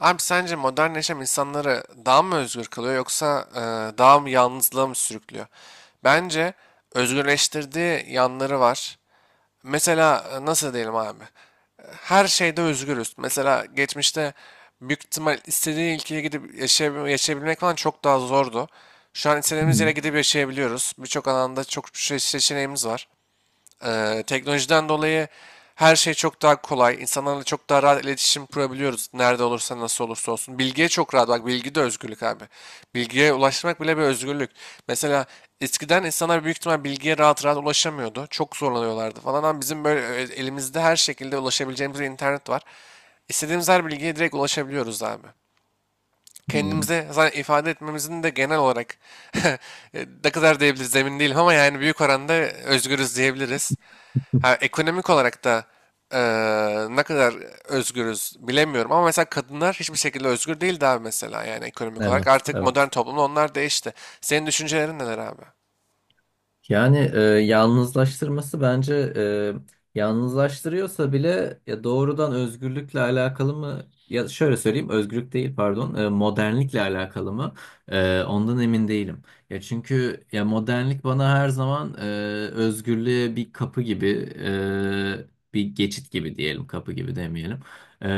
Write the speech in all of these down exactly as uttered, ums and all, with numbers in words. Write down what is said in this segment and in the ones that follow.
Abi sence modern yaşam insanları daha mı özgür kılıyor yoksa e, daha mı yalnızlığa mı sürüklüyor? Bence özgürleştirdiği yanları var. Mesela e, nasıl diyelim abi? Her şeyde özgürüz. Mesela geçmişte büyük ihtimal istediği ülkeye gidip yaşayabil- yaşayabilmek falan çok daha zordu. Şu an Hı istediğimiz yere hı. gidip yaşayabiliyoruz. Birçok alanda çok şey- seçeneğimiz var. Eee, teknolojiden dolayı her şey çok daha kolay. İnsanlarla çok daha rahat iletişim kurabiliyoruz. Nerede olursa nasıl olursa olsun. Bilgiye çok rahat. Bak bilgi de özgürlük abi. Bilgiye ulaşmak bile bir özgürlük. Mesela eskiden insanlar büyük ihtimal bilgiye rahat rahat ulaşamıyordu. Çok zorlanıyorlardı falan ama bizim böyle e, elimizde her şekilde ulaşabileceğimiz bir internet var. İstediğimiz her bilgiye direkt ulaşabiliyoruz abi. Hı. Kendimize zaten ifade etmemizin de genel olarak e, ne kadar diyebiliriz emin değilim ama yani büyük oranda özgürüz diyebiliriz. Ha, ekonomik olarak da eee, ne kadar özgürüz bilemiyorum ama mesela kadınlar hiçbir şekilde özgür değildi abi mesela yani ekonomik olarak. Evet, Artık modern evet. toplumda onlar değişti. Senin düşüncelerin neler abi? Yani e, yalnızlaştırması bence e, yalnızlaştırıyorsa bile ya doğrudan özgürlükle alakalı mı? Ya şöyle söyleyeyim, özgürlük değil pardon, e, modernlikle alakalı mı? E, ondan emin değilim. Ya çünkü ya modernlik bana her zaman e, özgürlüğe bir kapı gibi, e, bir geçit gibi diyelim, kapı gibi demeyelim. E,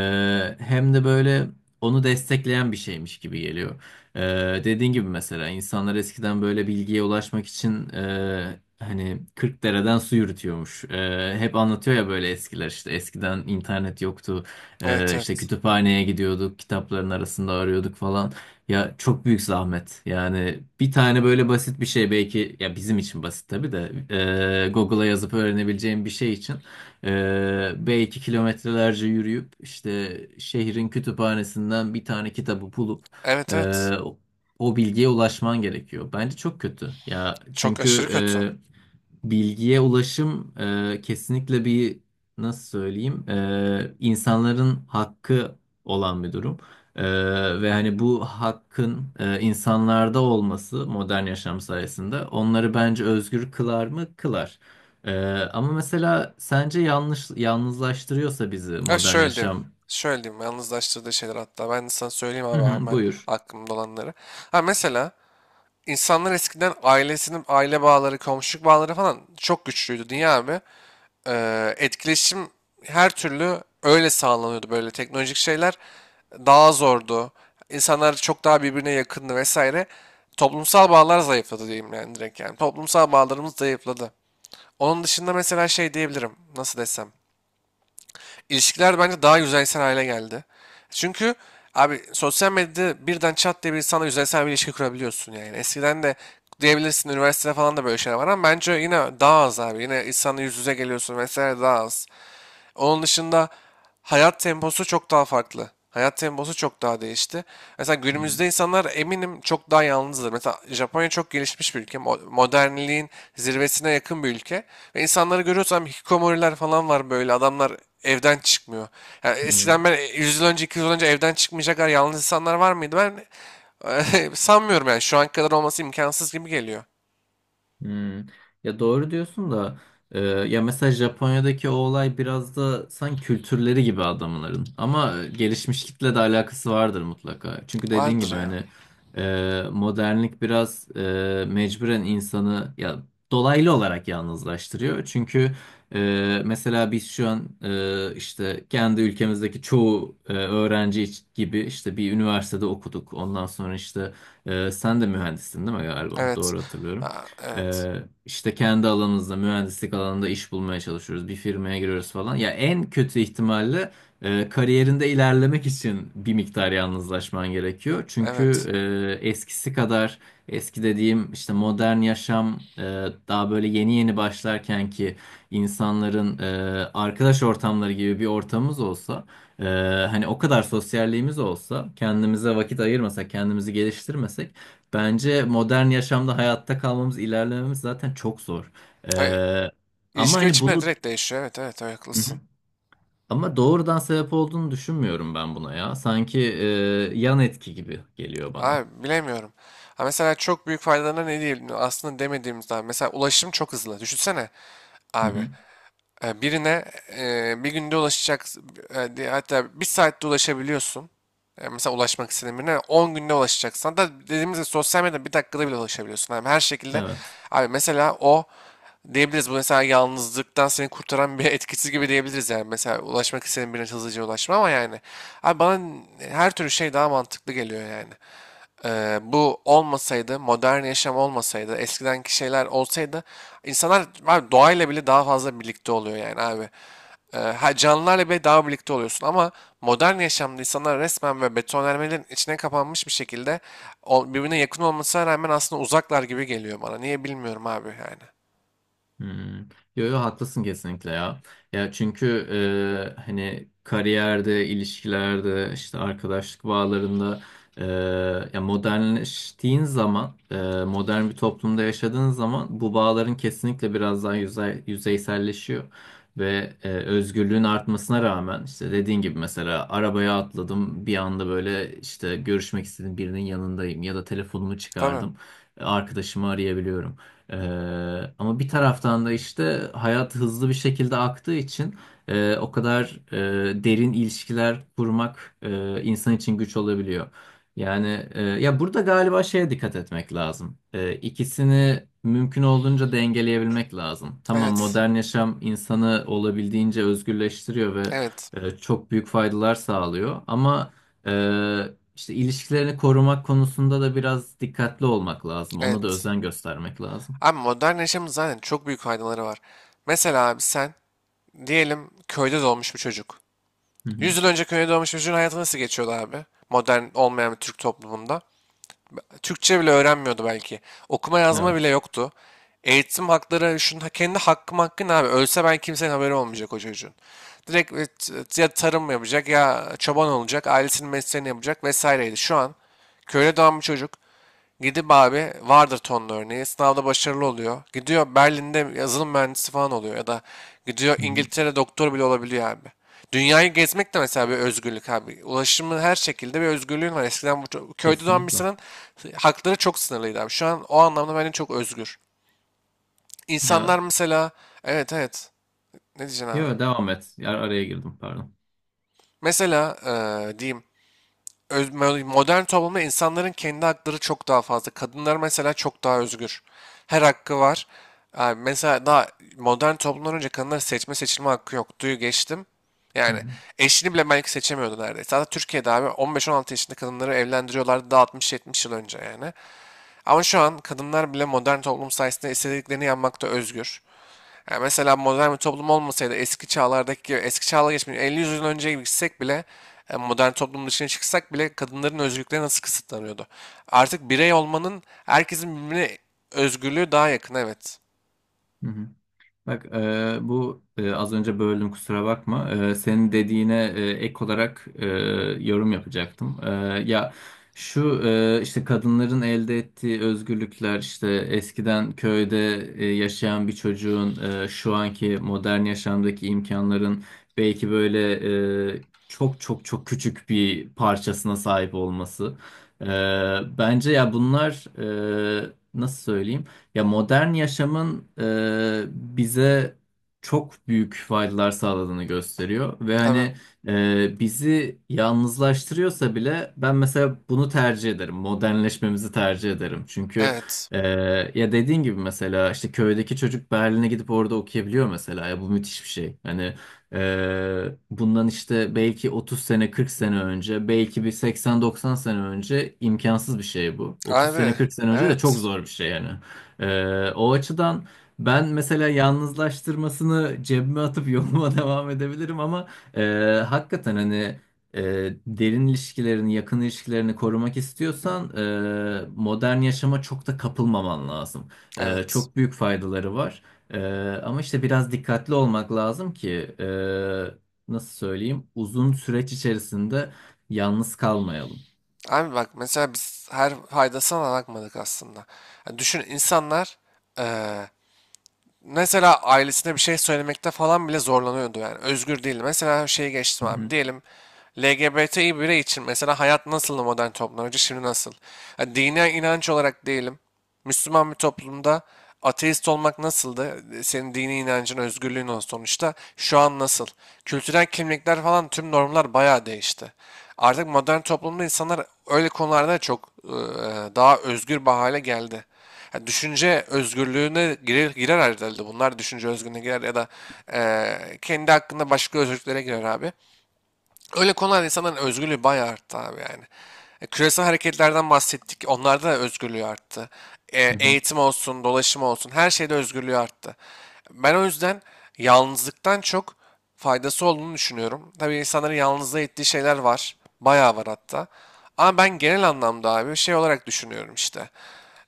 Hem de böyle onu destekleyen bir şeymiş gibi geliyor. Ee, dediğin gibi mesela insanlar eskiden böyle bilgiye ulaşmak için e, hani kırk dereden su yürütüyormuş. E, hep anlatıyor ya böyle eskiler, işte eskiden internet yoktu. Evet, E, işte evet. kütüphaneye gidiyorduk, kitapların arasında arıyorduk falan. Ya çok büyük zahmet. Yani bir tane böyle basit bir şey, belki ya bizim için basit tabii de e, Google'a yazıp öğrenebileceğim bir şey için ee, belki kilometrelerce yürüyüp işte şehrin kütüphanesinden bir tane kitabı bulup Evet, evet. ee, o bilgiye ulaşman gerekiyor. Bence çok kötü. Ya Çok aşırı çünkü kötü. e, bilgiye ulaşım e, kesinlikle bir, nasıl söyleyeyim, e, insanların hakkı olan bir durum. E, Ve hani bu hakkın e, insanlarda olması modern yaşam sayesinde onları bence özgür kılar mı? Kılar. E, ama mesela sence yanlış yalnızlaştırıyorsa bizi Ha, modern şöyle diyeyim. yaşam? Şöyle diyeyim. Yalnızlaştırdığı şeyler hatta. Ben de sana söyleyeyim Hı abi hı, hemen buyur. aklımda olanları. Ha, mesela insanlar eskiden ailesinin aile bağları, komşuluk bağları falan çok güçlüydü. Niye abi? Eee, etkileşim her türlü öyle sağlanıyordu, böyle teknolojik şeyler daha zordu. İnsanlar çok daha birbirine yakındı vesaire. Toplumsal bağlar zayıfladı diyeyim yani, direkt yani. Toplumsal bağlarımız zayıfladı. Onun dışında mesela şey diyebilirim. Nasıl desem? İlişkiler bence daha yüzeysel hale geldi. Çünkü abi sosyal medyada birden çat diye bir insanla yüzeysel bir ilişki kurabiliyorsun yani. Eskiden de diyebilirsin, üniversitede falan da böyle şeyler var ama bence yine daha az abi. Yine insanla yüz yüze geliyorsun vesaire daha az. Onun dışında hayat temposu çok daha farklı. Hayat temposu çok daha değişti. Mesela Hı günümüzde insanlar eminim çok daha yalnızdır. Mesela Japonya çok gelişmiş bir ülke. mo- Modernliğin zirvesine yakın bir ülke. Ve insanları görüyorsam hikikomoriler falan var böyle. Adamlar evden çıkmıyor. Yani hı. eskiden ben yüz yıl önce, iki yüz yıl önce evden çıkmayacak kadar yalnız insanlar var mıydı? Ben sanmıyorum yani. Şu an kadar olması imkansız gibi geliyor. Hmm. Ya doğru diyorsun da e, ya mesela Japonya'daki o olay biraz da sanki kültürleri gibi adamların, ama e, gelişmiş kitle de alakası vardır mutlaka. Çünkü dediğin Vardır gibi ya. hani e, modernlik biraz e, mecburen insanı ya dolaylı olarak yalnızlaştırıyor. Çünkü e, mesela biz şu an e, işte kendi ülkemizdeki çoğu e, öğrenci iç- gibi işte bir üniversitede okuduk. Ondan sonra işte e, sen de mühendissin değil mi galiba? Evet. Doğru hatırlıyorum. Ha, evet. Ee, işte kendi alanımızda, mühendislik alanında iş bulmaya çalışıyoruz. Bir firmaya giriyoruz falan. Ya en kötü ihtimalle e, kariyerinde ilerlemek için bir miktar yalnızlaşman gerekiyor. Çünkü Evet. e, eskisi kadar, eski dediğim işte modern yaşam e, daha böyle yeni yeni başlarken ki insanların e, arkadaş ortamları gibi bir ortamımız olsa, e, hani o kadar sosyalliğimiz olsa, kendimize vakit ayırmasak, kendimizi geliştirmesek, bence modern yaşamda hayatta kalmamız, ilerlememiz zaten çok zor. Ay, Ee, Ama İlişki hani biçimleri bunu, direkt değişiyor. Evet, evet, evet, Hı hı, haklısın. ama doğrudan sebep olduğunu düşünmüyorum ben buna ya. Sanki e, yan etki gibi geliyor bana. Abi bilemiyorum. Ha, mesela çok büyük faydalarına ne diyelim aslında demediğimizden. Mesela ulaşım çok hızlı. Düşünsene Hı abi. hı. E, birine e, bir günde ulaşacak, e, di- hatta bir saatte ulaşabiliyorsun. E, mesela ulaşmak istediğin birine on günde ulaşacaksan da, dediğimiz gibi, sosyal medyada bir dakikada bile ulaşabiliyorsun. Abi her şekilde Evet. abi, mesela o diyebiliriz, bu mesela yalnızlıktan seni kurtaran bir etkisiz gibi diyebiliriz yani. Mesela ulaşmak istediğin birine hızlıca ulaşma ama yani abi bana her türlü şey daha mantıklı geliyor yani. E, Bu olmasaydı, modern yaşam olmasaydı, eskidenki şeyler olsaydı insanlar abi doğayla bile daha fazla birlikte oluyor yani abi. E, ha, canlılarla bile daha birlikte oluyorsun ama modern yaşamda insanlar resmen ve betonarmelerin içine kapanmış bir şekilde, o- birbirine yakın olmasına rağmen aslında uzaklar gibi geliyor bana. Niye bilmiyorum abi yani. Hmm. Yo yo, haklısın kesinlikle ya. Ya çünkü e, hani kariyerde, ilişkilerde, işte arkadaşlık bağlarında, e, ya modernleştiğin zaman, e, modern bir toplumda yaşadığın zaman bu bağların kesinlikle biraz daha yüzey, yüzeyselleşiyor. Ve e, özgürlüğün artmasına rağmen, işte dediğin gibi mesela arabaya atladım bir anda, böyle işte görüşmek istediğim birinin yanındayım ya da telefonumu Tabii. çıkardım, arkadaşımı arayabiliyorum. Ee, ama bir taraftan da işte hayat hızlı bir şekilde aktığı için e, o kadar e, derin ilişkiler kurmak e, insan için güç olabiliyor. Yani e, ya burada galiba şeye dikkat etmek lazım. E, ikisini mümkün olduğunca dengeleyebilmek lazım. Tamam, Evet. modern yaşam insanı olabildiğince özgürleştiriyor ve Evet. e, çok büyük faydalar sağlıyor. Ama e, işte ilişkilerini korumak konusunda da biraz dikkatli olmak lazım. Ona da Evet. özen göstermek lazım. Abi modern yaşamın zaten çok büyük faydaları var. Mesela abi sen diyelim köyde doğmuş bir çocuk. Hı hı. Yüz yıl önce köye doğmuş bir çocuğun hayatı nasıl geçiyordu abi? Modern olmayan bir Türk toplumunda. Türkçe bile öğrenmiyordu belki. Okuma yazma bile Evet. yoktu. Eğitim hakları, şunun kendi hakkım, hakkı ne abi? Ölse ben kimsenin haberi olmayacak o çocuğun. Direkt e, ya tarım yapacak, ya çoban olacak, ailesinin mesleğini yapacak vesaireydi. Şu an köyde doğan bir çocuk gidip abi, vardır tonlu örneği. Sınavda başarılı oluyor. Gidiyor Berlin'de yazılım mühendisi falan oluyor. Ya da gidiyor Hı hı. İngiltere'de doktor bile olabiliyor abi. Dünyayı gezmek de mesela bir özgürlük abi. Ulaşımın, her şekilde bir özgürlüğün var. Eskiden bu ço- köyde doğan bir Kesinlikle. insanın hakları çok sınırlıydı abi. Şu an o anlamda bence çok özgür. Ya, İnsanlar mesela, evet, evet, ne diyeceksin abi? yo, devam et. Ya, araya girdim, pardon. Mesela eee, diyeyim, öz- modern toplumda insanların kendi hakları çok daha fazla. Kadınlar mesela çok daha özgür. Her hakkı var. Yani mesela daha modern toplumdan önce kadınların seçme seçilme hakkı yok. Duyu geçtim. Hı Yani hı. eşini bile belki seçemiyordu neredeyse. Hatta Türkiye'de abi on beş on altı yaşında kadınları evlendiriyorlardı, daha altmış yetmiş yıl önce yani. Ama şu an kadınlar bile modern toplum sayesinde istediklerini yapmakta özgür. Ya mesela modern bir toplum olmasaydı, eski çağlardaki gibi, eski çağla, geçmiş elli yüz yıl önce gibi gitsek bile, e, modern toplum dışına çıksak bile kadınların özgürlükleri nasıl kısıtlanıyordu? Artık birey olmanın, herkesin birbirine özgürlüğü daha yakın, evet. Hı hı. Bak e, bu e, az önce böldüm, kusura bakma. E, senin dediğine e, ek olarak e, yorum yapacaktım. E, ya şu e, işte kadınların elde ettiği özgürlükler, işte eskiden köyde e, yaşayan bir çocuğun e, şu anki modern yaşamdaki imkanların belki böyle e, çok çok çok küçük bir parçasına sahip olması. E, Bence ya bunlar, e, nasıl söyleyeyim? Ya modern yaşamın e, bize çok büyük faydalar sağladığını gösteriyor ve hani Tabii. e, bizi yalnızlaştırıyorsa bile ben mesela bunu tercih ederim. Modernleşmemizi tercih ederim. Çünkü Evet. e, ya dediğin gibi mesela işte köydeki çocuk Berlin'e gidip orada okuyabiliyor mesela. Ya bu müthiş bir şey. Hani e, bundan işte belki otuz sene kırk sene önce, belki bir seksen doksan sene önce imkansız bir şey bu. otuz sene Abi, kırk sene önce de çok evet. zor bir şey yani. Ee, o açıdan ben mesela yalnızlaştırmasını cebime atıp yoluma devam edebilirim, ama e, hakikaten hani e, derin ilişkilerini, yakın ilişkilerini korumak istiyorsan, e, modern yaşama çok da kapılmaman lazım. E, Evet. Çok büyük faydaları var. E, Ama işte biraz dikkatli olmak lazım ki e, nasıl söyleyeyim, uzun süreç içerisinde yalnız kalmayalım. Abi bak, mesela biz her faydasına da bakmadık aslında. Yani düşün insanlar e, mesela ailesine bir şey söylemekte falan bile zorlanıyordu yani. Özgür değildi. Mesela şeyi geçtim Hı abi. hı. Diyelim LGBTİ birey için mesela hayat nasıldı modern toplumda önce, şimdi nasıl? Yani dini inanç olarak diyelim. Müslüman bir toplumda ateist olmak nasıldı? Senin dini inancın, özgürlüğün o sonuçta. Şu an nasıl? Kültürel kimlikler falan, tüm normlar bayağı değişti. Artık modern toplumda insanlar öyle konularda çok e, daha özgür bir hale geldi. Ya düşünce özgürlüğüne girer, girer herhalde. Bunlar düşünce özgürlüğüne girer ya da eee, kendi hakkında başka özgürlüklere girer abi. Öyle konularda insanların özgürlüğü bayağı arttı abi yani. E, küresel hareketlerden bahsettik. Onlarda da özgürlüğü arttı. E, Hı hı. Eğitim olsun, dolaşım olsun, her şeyde özgürlüğü arttı. Ben o yüzden yalnızlıktan çok faydası olduğunu düşünüyorum. Tabii insanların yalnızlığa ettiği şeyler var. Bayağı var hatta. Ama ben genel anlamda abi şey olarak düşünüyorum işte,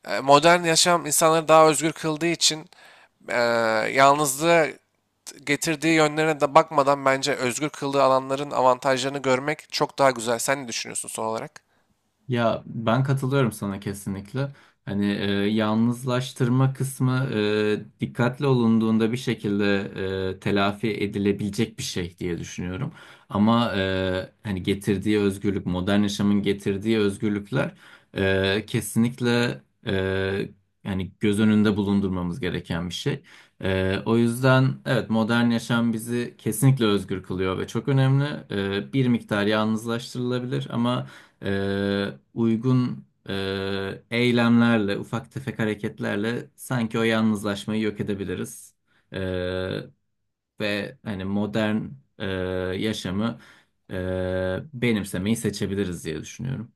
e, modern yaşam insanları daha özgür kıldığı için, e, yalnızlığı getirdiği yönlerine de bakmadan bence özgür kıldığı alanların avantajlarını görmek çok daha güzel. Sen ne düşünüyorsun son olarak? Ya ben katılıyorum sana kesinlikle. Hani e, yalnızlaştırma kısmı e, dikkatli olunduğunda bir şekilde e, telafi edilebilecek bir şey diye düşünüyorum. Ama e, hani getirdiği özgürlük, modern yaşamın getirdiği özgürlükler e, kesinlikle, e, yani göz önünde bulundurmamız gereken bir şey. E, o yüzden evet, modern yaşam bizi kesinlikle özgür kılıyor ve çok önemli. E, bir miktar yalnızlaştırılabilir ama e, uygun e, eylemlerle, ufak tefek hareketlerle sanki o yalnızlaşmayı yok edebiliriz. E, Ve hani modern e, yaşamı e, benimsemeyi seçebiliriz diye düşünüyorum.